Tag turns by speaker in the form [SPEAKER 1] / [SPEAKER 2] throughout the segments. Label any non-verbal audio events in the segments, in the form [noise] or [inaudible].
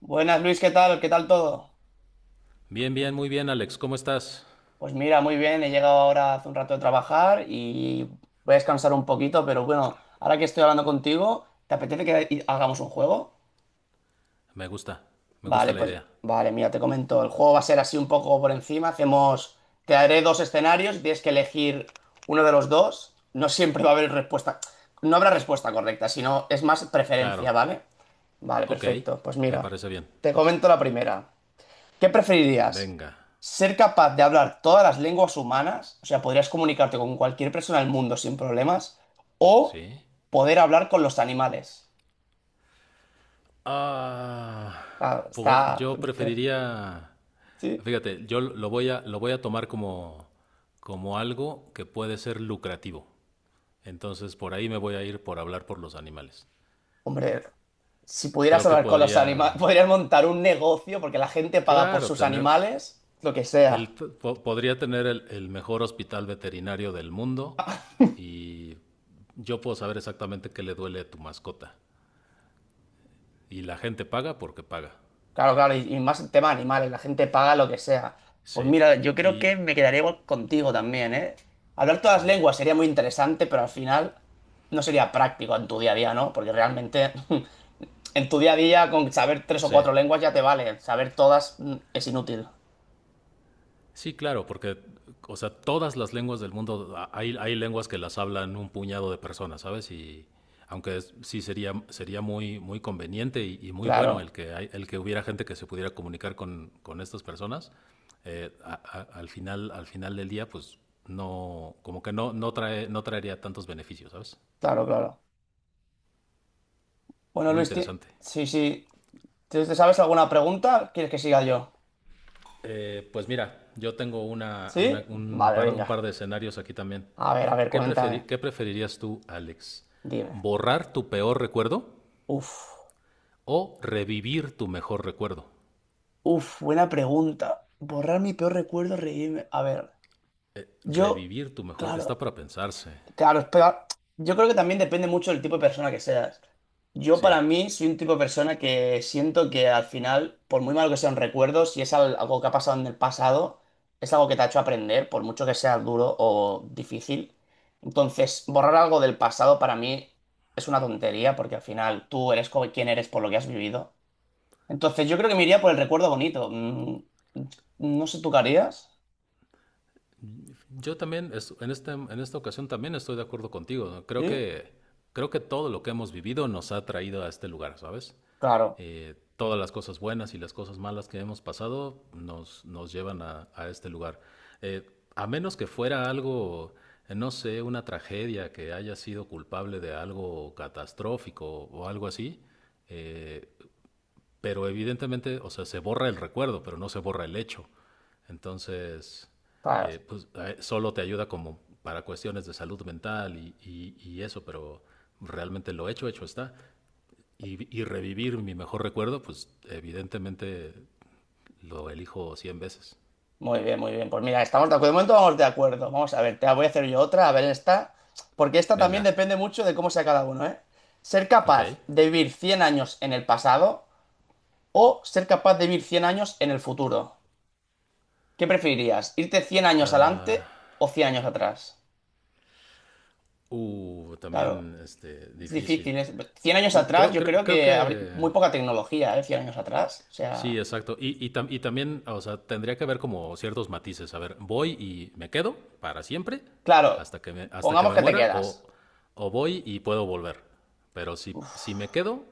[SPEAKER 1] Buenas Luis, ¿qué tal? ¿Qué tal todo?
[SPEAKER 2] Bien, bien, muy bien, Alex. ¿Cómo estás?
[SPEAKER 1] Pues mira, muy bien, he llegado ahora hace un rato de trabajar y voy a descansar un poquito, pero bueno, ahora que estoy hablando contigo, ¿te apetece que hagamos un juego?
[SPEAKER 2] Me gusta, me gusta
[SPEAKER 1] Vale,
[SPEAKER 2] la
[SPEAKER 1] pues
[SPEAKER 2] idea.
[SPEAKER 1] vale, mira, te comento, el juego va a ser así un poco por encima, hacemos, te daré dos escenarios, y tienes que elegir uno de los dos, no siempre va a haber respuesta, no habrá respuesta correcta, sino es más
[SPEAKER 2] Claro.
[SPEAKER 1] preferencia, ¿vale? Vale,
[SPEAKER 2] Ok,
[SPEAKER 1] perfecto, pues
[SPEAKER 2] me
[SPEAKER 1] mira,
[SPEAKER 2] parece bien.
[SPEAKER 1] te comento la primera. ¿Qué preferirías?
[SPEAKER 2] Venga.
[SPEAKER 1] ¿Ser capaz de hablar todas las lenguas humanas? O sea, podrías comunicarte con cualquier persona del mundo sin problemas. ¿O
[SPEAKER 2] ¿Sí?
[SPEAKER 1] poder hablar con los animales?
[SPEAKER 2] Ah,
[SPEAKER 1] Claro,
[SPEAKER 2] po-
[SPEAKER 1] está...
[SPEAKER 2] yo preferiría.
[SPEAKER 1] Sí.
[SPEAKER 2] Fíjate, yo lo voy a tomar como algo que puede ser lucrativo. Entonces, por ahí me voy a ir por hablar por los animales.
[SPEAKER 1] Hombre, si pudieras
[SPEAKER 2] Creo que
[SPEAKER 1] hablar con los
[SPEAKER 2] podría,
[SPEAKER 1] animales, [laughs] podrías montar un negocio porque la gente paga por
[SPEAKER 2] claro,
[SPEAKER 1] sus
[SPEAKER 2] tener,
[SPEAKER 1] animales, lo que sea.
[SPEAKER 2] Podría tener el mejor hospital veterinario del mundo y yo puedo saber exactamente qué le duele a tu mascota. Y la gente paga porque paga.
[SPEAKER 1] Claro, claro, y más el tema de animales, la gente paga lo que sea. Pues
[SPEAKER 2] Sí.
[SPEAKER 1] mira, yo creo
[SPEAKER 2] Y
[SPEAKER 1] que me quedaría igual contigo también, ¿eh? Hablar todas
[SPEAKER 2] sí.
[SPEAKER 1] las lenguas sería muy interesante, pero al final no sería práctico en tu día a día, ¿no? Porque realmente [laughs] en tu día a día con saber tres o
[SPEAKER 2] Sí.
[SPEAKER 1] cuatro lenguas ya te vale, saber todas es inútil.
[SPEAKER 2] Sí, claro, porque, o sea, todas las lenguas del mundo, hay lenguas que las hablan un puñado de personas, ¿sabes? Y aunque sería muy, muy conveniente y muy bueno el
[SPEAKER 1] Claro,
[SPEAKER 2] que, hay- el que hubiera gente que se pudiera comunicar con estas personas, al final del día, pues no, como que no, no traería tantos beneficios, ¿sabes?
[SPEAKER 1] claro, claro. Bueno,
[SPEAKER 2] Muy
[SPEAKER 1] Luis,
[SPEAKER 2] interesante.
[SPEAKER 1] sí, sí. ¿Te sabes alguna pregunta? ¿Quieres que siga yo?
[SPEAKER 2] Pues mira, yo tengo una,
[SPEAKER 1] ¿Sí?
[SPEAKER 2] una- un,
[SPEAKER 1] Vale,
[SPEAKER 2] par, un par
[SPEAKER 1] venga.
[SPEAKER 2] de escenarios aquí también.
[SPEAKER 1] A ver,
[SPEAKER 2] ¿Qué,
[SPEAKER 1] cuéntame.
[SPEAKER 2] preferi- ¿Qué preferirías tú, Alex?
[SPEAKER 1] Dime.
[SPEAKER 2] ¿Borrar tu peor recuerdo
[SPEAKER 1] Uf.
[SPEAKER 2] o revivir tu mejor recuerdo?
[SPEAKER 1] Uf, buena pregunta. Borrar mi peor recuerdo, reírme. A ver, yo,
[SPEAKER 2] Revivir tu mejor, está
[SPEAKER 1] claro,
[SPEAKER 2] para pensarse.
[SPEAKER 1] claro, espera. Yo creo que también depende mucho del tipo de persona que seas. Yo
[SPEAKER 2] Sí.
[SPEAKER 1] para mí soy un tipo de persona que siento que al final, por muy malo que sean recuerdos, si es algo que ha pasado en el pasado, es algo que te ha hecho aprender, por mucho que sea duro o difícil. Entonces, borrar algo del pasado para mí es una tontería, porque al final tú eres como quien eres por lo que has vivido. Entonces, yo creo que me iría por el recuerdo bonito. No sé, ¿tú qué harías?
[SPEAKER 2] Yo también, en esta ocasión también estoy de acuerdo contigo, ¿no? Creo
[SPEAKER 1] ¿Sí?
[SPEAKER 2] que, creo que todo lo que hemos vivido nos ha traído a este lugar, ¿sabes?
[SPEAKER 1] Claro,
[SPEAKER 2] Todas las cosas buenas y las cosas malas que hemos pasado nos llevan a este lugar. Eh, a menos que fuera algo, no sé, una tragedia que haya sido culpable de algo catastrófico o algo así, eh, pero evidentemente, o sea, se borra el recuerdo, pero no se borra el hecho. Entonces,
[SPEAKER 1] claro.
[SPEAKER 2] pues solo te ayuda como para cuestiones de salud mental y eso, pero realmente lo hecho, hecho está. Y revivir mi mejor recuerdo, pues evidentemente lo elijo 100 veces.
[SPEAKER 1] Muy bien, muy bien. Pues mira, estamos de acuerdo. De momento vamos de acuerdo. Vamos a ver, te voy a hacer yo otra, a ver esta. Porque esta también
[SPEAKER 2] Venga,
[SPEAKER 1] depende mucho de cómo sea cada uno, ¿eh? Ser
[SPEAKER 2] ok.
[SPEAKER 1] capaz de vivir 100 años en el pasado o ser capaz de vivir 100 años en el futuro. ¿Qué preferirías? ¿Irte 100 años adelante
[SPEAKER 2] Ah,
[SPEAKER 1] o 100 años atrás? Claro,
[SPEAKER 2] también
[SPEAKER 1] es
[SPEAKER 2] difícil.
[SPEAKER 1] difícil. 100 años
[SPEAKER 2] Y
[SPEAKER 1] atrás
[SPEAKER 2] Creo,
[SPEAKER 1] yo
[SPEAKER 2] creo,
[SPEAKER 1] creo
[SPEAKER 2] creo
[SPEAKER 1] que habría
[SPEAKER 2] que
[SPEAKER 1] muy poca tecnología, ¿eh? 100 años atrás. O
[SPEAKER 2] sí,
[SPEAKER 1] sea...
[SPEAKER 2] exacto. Y también, o sea, tendría que haber como ciertos matices. A ver, voy y me quedo para siempre
[SPEAKER 1] Claro,
[SPEAKER 2] hasta que me, hasta que
[SPEAKER 1] pongamos
[SPEAKER 2] me
[SPEAKER 1] que te
[SPEAKER 2] muera, o,
[SPEAKER 1] quedas.
[SPEAKER 2] o voy y puedo volver. Pero si,
[SPEAKER 1] Uf,
[SPEAKER 2] si me quedo,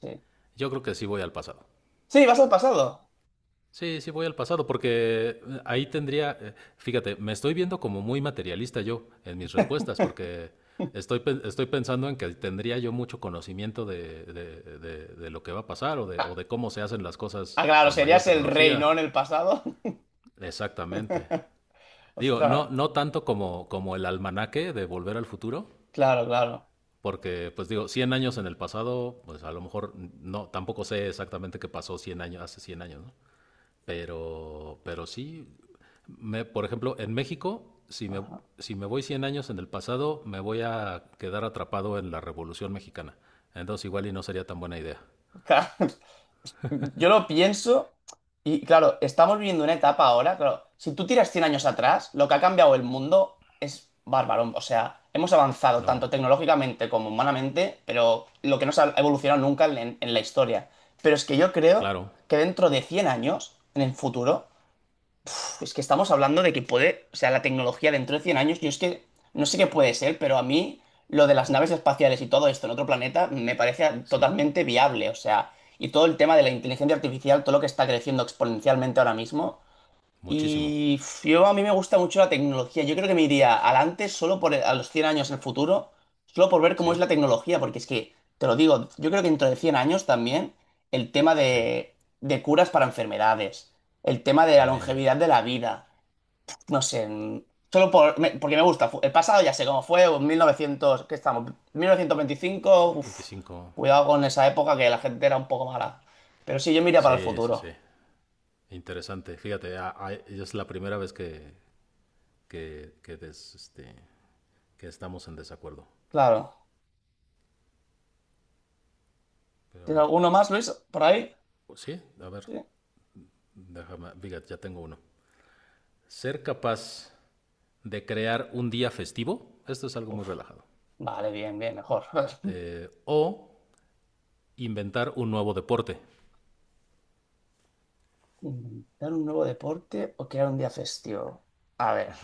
[SPEAKER 1] sí.
[SPEAKER 2] yo creo que sí voy al pasado.
[SPEAKER 1] Sí, vas al pasado.
[SPEAKER 2] Sí, sí voy al pasado porque ahí tendría, fíjate, me estoy viendo como muy materialista yo en mis respuestas porque estoy pensando en que tendría yo mucho conocimiento de lo que va a pasar o de, o
[SPEAKER 1] Ah,
[SPEAKER 2] de cómo se hacen las cosas
[SPEAKER 1] ah, claro,
[SPEAKER 2] con mayor
[SPEAKER 1] serías el rey, ¿no?
[SPEAKER 2] tecnología.
[SPEAKER 1] En el pasado.
[SPEAKER 2] Exactamente.
[SPEAKER 1] [laughs]
[SPEAKER 2] Digo,
[SPEAKER 1] Ostras,
[SPEAKER 2] no, no tanto como el almanaque de Volver al Futuro,
[SPEAKER 1] claro, claro.
[SPEAKER 2] porque, pues digo, 100 años en el pasado, pues a lo mejor no, tampoco sé exactamente qué pasó 100 años, hace 100 años, ¿no? Pero sí, por ejemplo, en México, si me,
[SPEAKER 1] Ajá.
[SPEAKER 2] si me voy 100 años en el pasado, me voy a quedar atrapado en la Revolución Mexicana. Entonces igual y no sería tan buena idea.
[SPEAKER 1] Claro, [laughs] yo lo pienso y claro, estamos viviendo una etapa ahora, claro, si tú tiras 100 años atrás, lo que ha cambiado el mundo es bárbaro. O sea, hemos avanzado
[SPEAKER 2] No,
[SPEAKER 1] tanto tecnológicamente como humanamente, pero lo que no se ha evolucionado nunca en, en la historia. Pero es que yo creo
[SPEAKER 2] claro,
[SPEAKER 1] que dentro de 100 años, en el futuro, es que estamos hablando de que puede, o sea, la tecnología dentro de 100 años, yo es que no sé qué puede ser, pero a mí lo de las naves espaciales y todo esto en otro planeta me parece
[SPEAKER 2] sí,
[SPEAKER 1] totalmente viable, o sea, y todo el tema de la inteligencia artificial, todo lo que está creciendo exponencialmente ahora mismo.
[SPEAKER 2] muchísimo,
[SPEAKER 1] Y yo a mí me gusta mucho la tecnología, yo creo que me iría al antes, solo por a los 100 años en el futuro, solo por ver cómo es
[SPEAKER 2] sí,
[SPEAKER 1] la tecnología, porque es que, te lo digo, yo creo que dentro de 100 años también el tema
[SPEAKER 2] sí,
[SPEAKER 1] de curas para enfermedades, el tema de la
[SPEAKER 2] también
[SPEAKER 1] longevidad de la vida no sé, solo por, porque me gusta. El pasado ya sé cómo fue, o en 1900, ¿qué estamos? 1925, uf,
[SPEAKER 2] 25.
[SPEAKER 1] cuidado con esa época que la gente era un poco mala. Pero sí, yo miraría para el
[SPEAKER 2] Sí, sí,
[SPEAKER 1] futuro,
[SPEAKER 2] sí. Interesante. Fíjate, es la primera vez que, que, que des- este, que estamos en desacuerdo.
[SPEAKER 1] claro.
[SPEAKER 2] Pero a
[SPEAKER 1] ¿Tienes
[SPEAKER 2] ver.
[SPEAKER 1] alguno más, Luis, por ahí?
[SPEAKER 2] Sí, a ver,
[SPEAKER 1] Sí.
[SPEAKER 2] déjame. Fíjate, ya tengo uno. Ser capaz de crear un día festivo, esto es algo muy
[SPEAKER 1] Uf,
[SPEAKER 2] relajado.
[SPEAKER 1] vale, bien, bien, mejor. [laughs]
[SPEAKER 2] O inventar un nuevo deporte.
[SPEAKER 1] ¿Inventar un nuevo deporte o crear un día festivo? A ver.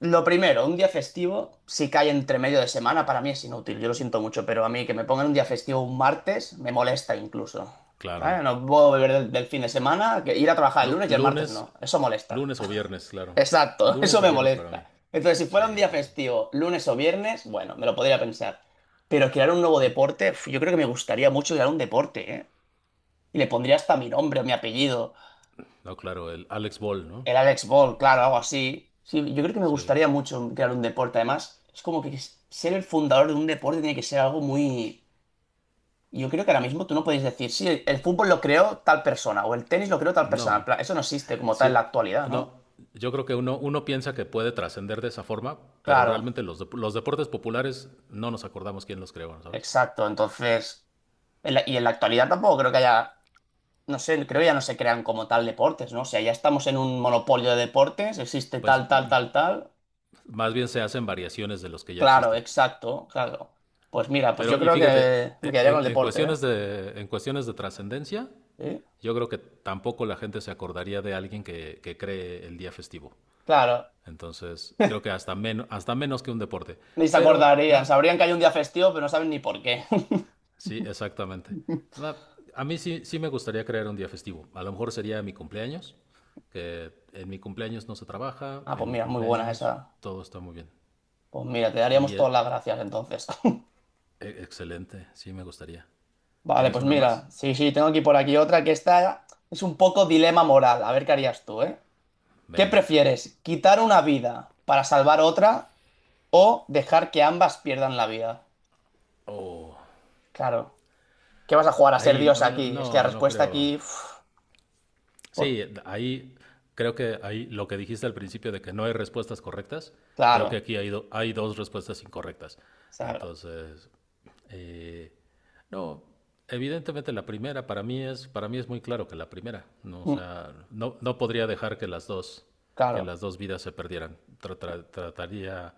[SPEAKER 1] Lo primero, un día festivo, si cae entre medio de semana, para mí es inútil, yo lo siento mucho, pero a mí que me pongan un día festivo un martes me molesta incluso.
[SPEAKER 2] Claro.
[SPEAKER 1] ¿Vale? No puedo beber del fin de semana, que ir a trabajar el
[SPEAKER 2] Lu-
[SPEAKER 1] lunes y el martes
[SPEAKER 2] lunes,
[SPEAKER 1] no, eso molesta.
[SPEAKER 2] lunes o viernes,
[SPEAKER 1] [laughs]
[SPEAKER 2] claro.
[SPEAKER 1] Exacto, eso
[SPEAKER 2] Lunes o
[SPEAKER 1] me
[SPEAKER 2] viernes para mí.
[SPEAKER 1] molesta. Entonces, si
[SPEAKER 2] Sí.
[SPEAKER 1] fuera un día festivo, lunes o viernes, bueno, me lo podría pensar. Pero crear un nuevo deporte, uf, yo creo que me gustaría mucho crear un deporte, ¿eh? Y le pondría hasta mi nombre o mi apellido.
[SPEAKER 2] No, claro, el Alex Ball, ¿no?
[SPEAKER 1] El Alex Ball, claro, algo así. Sí, yo creo que me
[SPEAKER 2] Sí.
[SPEAKER 1] gustaría mucho crear un deporte. Además, es como que ser el fundador de un deporte tiene que ser algo muy... Yo creo que ahora mismo tú no puedes decir, sí, el fútbol lo creó tal persona o el tenis lo creó tal persona. En
[SPEAKER 2] No.
[SPEAKER 1] plan, eso no existe como tal en la
[SPEAKER 2] Sí,
[SPEAKER 1] actualidad, ¿no?
[SPEAKER 2] no, yo creo que uno piensa que puede trascender de esa forma, pero
[SPEAKER 1] Claro,
[SPEAKER 2] realmente los deportes populares no nos acordamos quién los creó, ¿sabes?
[SPEAKER 1] exacto. Entonces, y en la actualidad tampoco creo que haya, no sé, creo que ya no se crean como tal deportes, ¿no? O sea, ya estamos en un monopolio de deportes, existe
[SPEAKER 2] Pues
[SPEAKER 1] tal, tal,
[SPEAKER 2] m-
[SPEAKER 1] tal, tal.
[SPEAKER 2] más bien se hacen variaciones de los que ya
[SPEAKER 1] Claro,
[SPEAKER 2] existen.
[SPEAKER 1] exacto, claro. Pues mira, pues yo
[SPEAKER 2] Pero, y
[SPEAKER 1] creo
[SPEAKER 2] fíjate,
[SPEAKER 1] que me
[SPEAKER 2] e-
[SPEAKER 1] quedaría con
[SPEAKER 2] en,
[SPEAKER 1] el
[SPEAKER 2] en
[SPEAKER 1] deporte, ¿eh?
[SPEAKER 2] cuestiones de trascendencia,
[SPEAKER 1] Sí,
[SPEAKER 2] yo creo que tampoco la gente se acordaría de alguien que cree el día festivo.
[SPEAKER 1] claro,
[SPEAKER 2] Entonces, creo que hasta menos que un deporte.
[SPEAKER 1] ni se
[SPEAKER 2] Pero,
[SPEAKER 1] acordarían.
[SPEAKER 2] nada.
[SPEAKER 1] Sabrían que hay un día festivo, pero no saben ni por qué.
[SPEAKER 2] Sí, exactamente.
[SPEAKER 1] [laughs]
[SPEAKER 2] Va, a mí sí, sí me gustaría crear un día festivo. A lo mejor sería mi cumpleaños, que en mi cumpleaños no se trabaja,
[SPEAKER 1] Ah,
[SPEAKER 2] en
[SPEAKER 1] pues
[SPEAKER 2] mi
[SPEAKER 1] mira, muy buena
[SPEAKER 2] cumpleaños
[SPEAKER 1] esa.
[SPEAKER 2] todo está muy bien.
[SPEAKER 1] Pues mira, te
[SPEAKER 2] Y
[SPEAKER 1] daríamos
[SPEAKER 2] eh,
[SPEAKER 1] todas las gracias entonces. [laughs]
[SPEAKER 2] Excelente, sí me gustaría.
[SPEAKER 1] Vale,
[SPEAKER 2] ¿Tienes
[SPEAKER 1] pues
[SPEAKER 2] una
[SPEAKER 1] mira,
[SPEAKER 2] más?
[SPEAKER 1] sí, sí, tengo aquí por aquí otra que esta es un poco dilema moral. A ver qué harías tú, ¿eh? ¿Qué
[SPEAKER 2] Venga.
[SPEAKER 1] prefieres? ¿Quitar una vida para salvar otra o dejar que ambas pierdan la vida?
[SPEAKER 2] Oh,
[SPEAKER 1] Claro. ¿Qué vas a jugar a ser
[SPEAKER 2] ahí,
[SPEAKER 1] Dios
[SPEAKER 2] no, no,
[SPEAKER 1] aquí? Es que la
[SPEAKER 2] no
[SPEAKER 1] respuesta
[SPEAKER 2] creo.
[SPEAKER 1] aquí... uf, por...
[SPEAKER 2] Sí, ahí creo que ahí lo que dijiste al principio de que no hay respuestas correctas, creo que
[SPEAKER 1] Claro,
[SPEAKER 2] aquí hay dos respuestas incorrectas.
[SPEAKER 1] claro.
[SPEAKER 2] Entonces, eh, no, evidentemente la primera para mí es muy claro que la primera, no, o
[SPEAKER 1] Mm,
[SPEAKER 2] sea, no, no podría dejar que las dos que
[SPEAKER 1] claro.
[SPEAKER 2] las dos vidas se perdieran. Tra- tra- trataría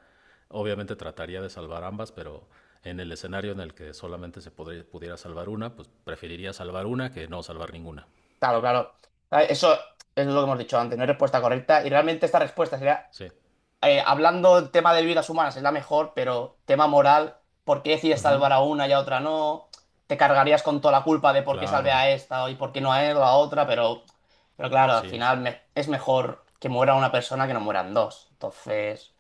[SPEAKER 2] obviamente trataría de salvar ambas, pero en el escenario en el que solamente pudiera salvar una, pues preferiría salvar una que no salvar ninguna.
[SPEAKER 1] Claro, claro. Ah, eso es lo que hemos dicho antes, no hay respuesta correcta. Y realmente esta respuesta sería,
[SPEAKER 2] Sí.
[SPEAKER 1] hablando del tema de vidas humanas, es la mejor, pero tema moral, ¿por qué decides salvar a una y a otra no? Te cargarías con toda la culpa de por qué salvé
[SPEAKER 2] Claro,
[SPEAKER 1] a esta y por qué no a él o a otra, pero claro, al
[SPEAKER 2] sí.
[SPEAKER 1] final es mejor que muera una persona que no mueran dos. Entonces,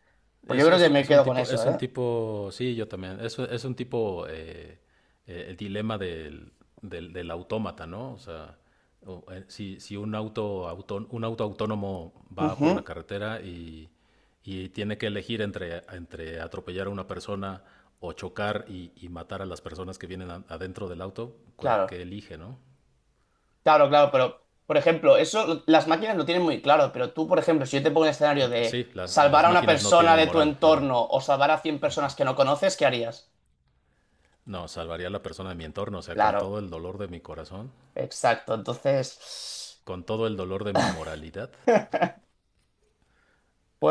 [SPEAKER 1] pues yo creo que me quedo con eso,
[SPEAKER 2] Es un
[SPEAKER 1] ¿eh?
[SPEAKER 2] tipo, sí, yo también. Es un tipo, el dilema del autómata, ¿no? O sea, si un auto autónomo va
[SPEAKER 1] Ujú,
[SPEAKER 2] por la carretera y tiene que elegir entre atropellar a una persona o chocar y matar a las personas que vienen adentro del auto, ¿qué,
[SPEAKER 1] claro.
[SPEAKER 2] qué elige, ¿no?
[SPEAKER 1] Claro, claro, pero por ejemplo, eso las máquinas lo tienen muy claro, pero tú, por ejemplo, si yo te pongo un escenario
[SPEAKER 2] Sí,
[SPEAKER 1] de
[SPEAKER 2] la-
[SPEAKER 1] salvar
[SPEAKER 2] las
[SPEAKER 1] a una
[SPEAKER 2] máquinas no
[SPEAKER 1] persona
[SPEAKER 2] tienen
[SPEAKER 1] de tu
[SPEAKER 2] moral, claro.
[SPEAKER 1] entorno o salvar a 100 personas que no conoces, ¿qué harías?
[SPEAKER 2] No, salvaría a la persona de mi entorno, o sea, con
[SPEAKER 1] Claro,
[SPEAKER 2] todo el dolor de mi corazón,
[SPEAKER 1] exacto. Entonces,
[SPEAKER 2] con todo el dolor de mi moralidad.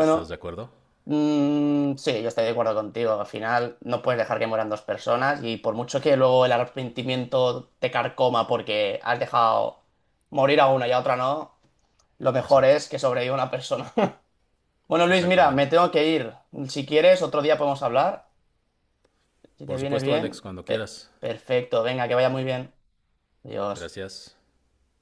[SPEAKER 2] ¿Estás de acuerdo?
[SPEAKER 1] mm, sí, yo estoy de acuerdo contigo. Al final no puedes dejar que mueran dos personas y por mucho que luego el arrepentimiento te carcoma porque has dejado morir a una y a otra no, lo mejor
[SPEAKER 2] Exacto,
[SPEAKER 1] es que sobreviva una persona. [laughs] Bueno, Luis, mira, me
[SPEAKER 2] exactamente.
[SPEAKER 1] tengo que ir. Si quieres, otro día podemos hablar. Si te
[SPEAKER 2] Por
[SPEAKER 1] viene
[SPEAKER 2] supuesto, Alex,
[SPEAKER 1] bien,
[SPEAKER 2] cuando quieras.
[SPEAKER 1] perfecto, venga, que vaya muy bien. Adiós.
[SPEAKER 2] Gracias.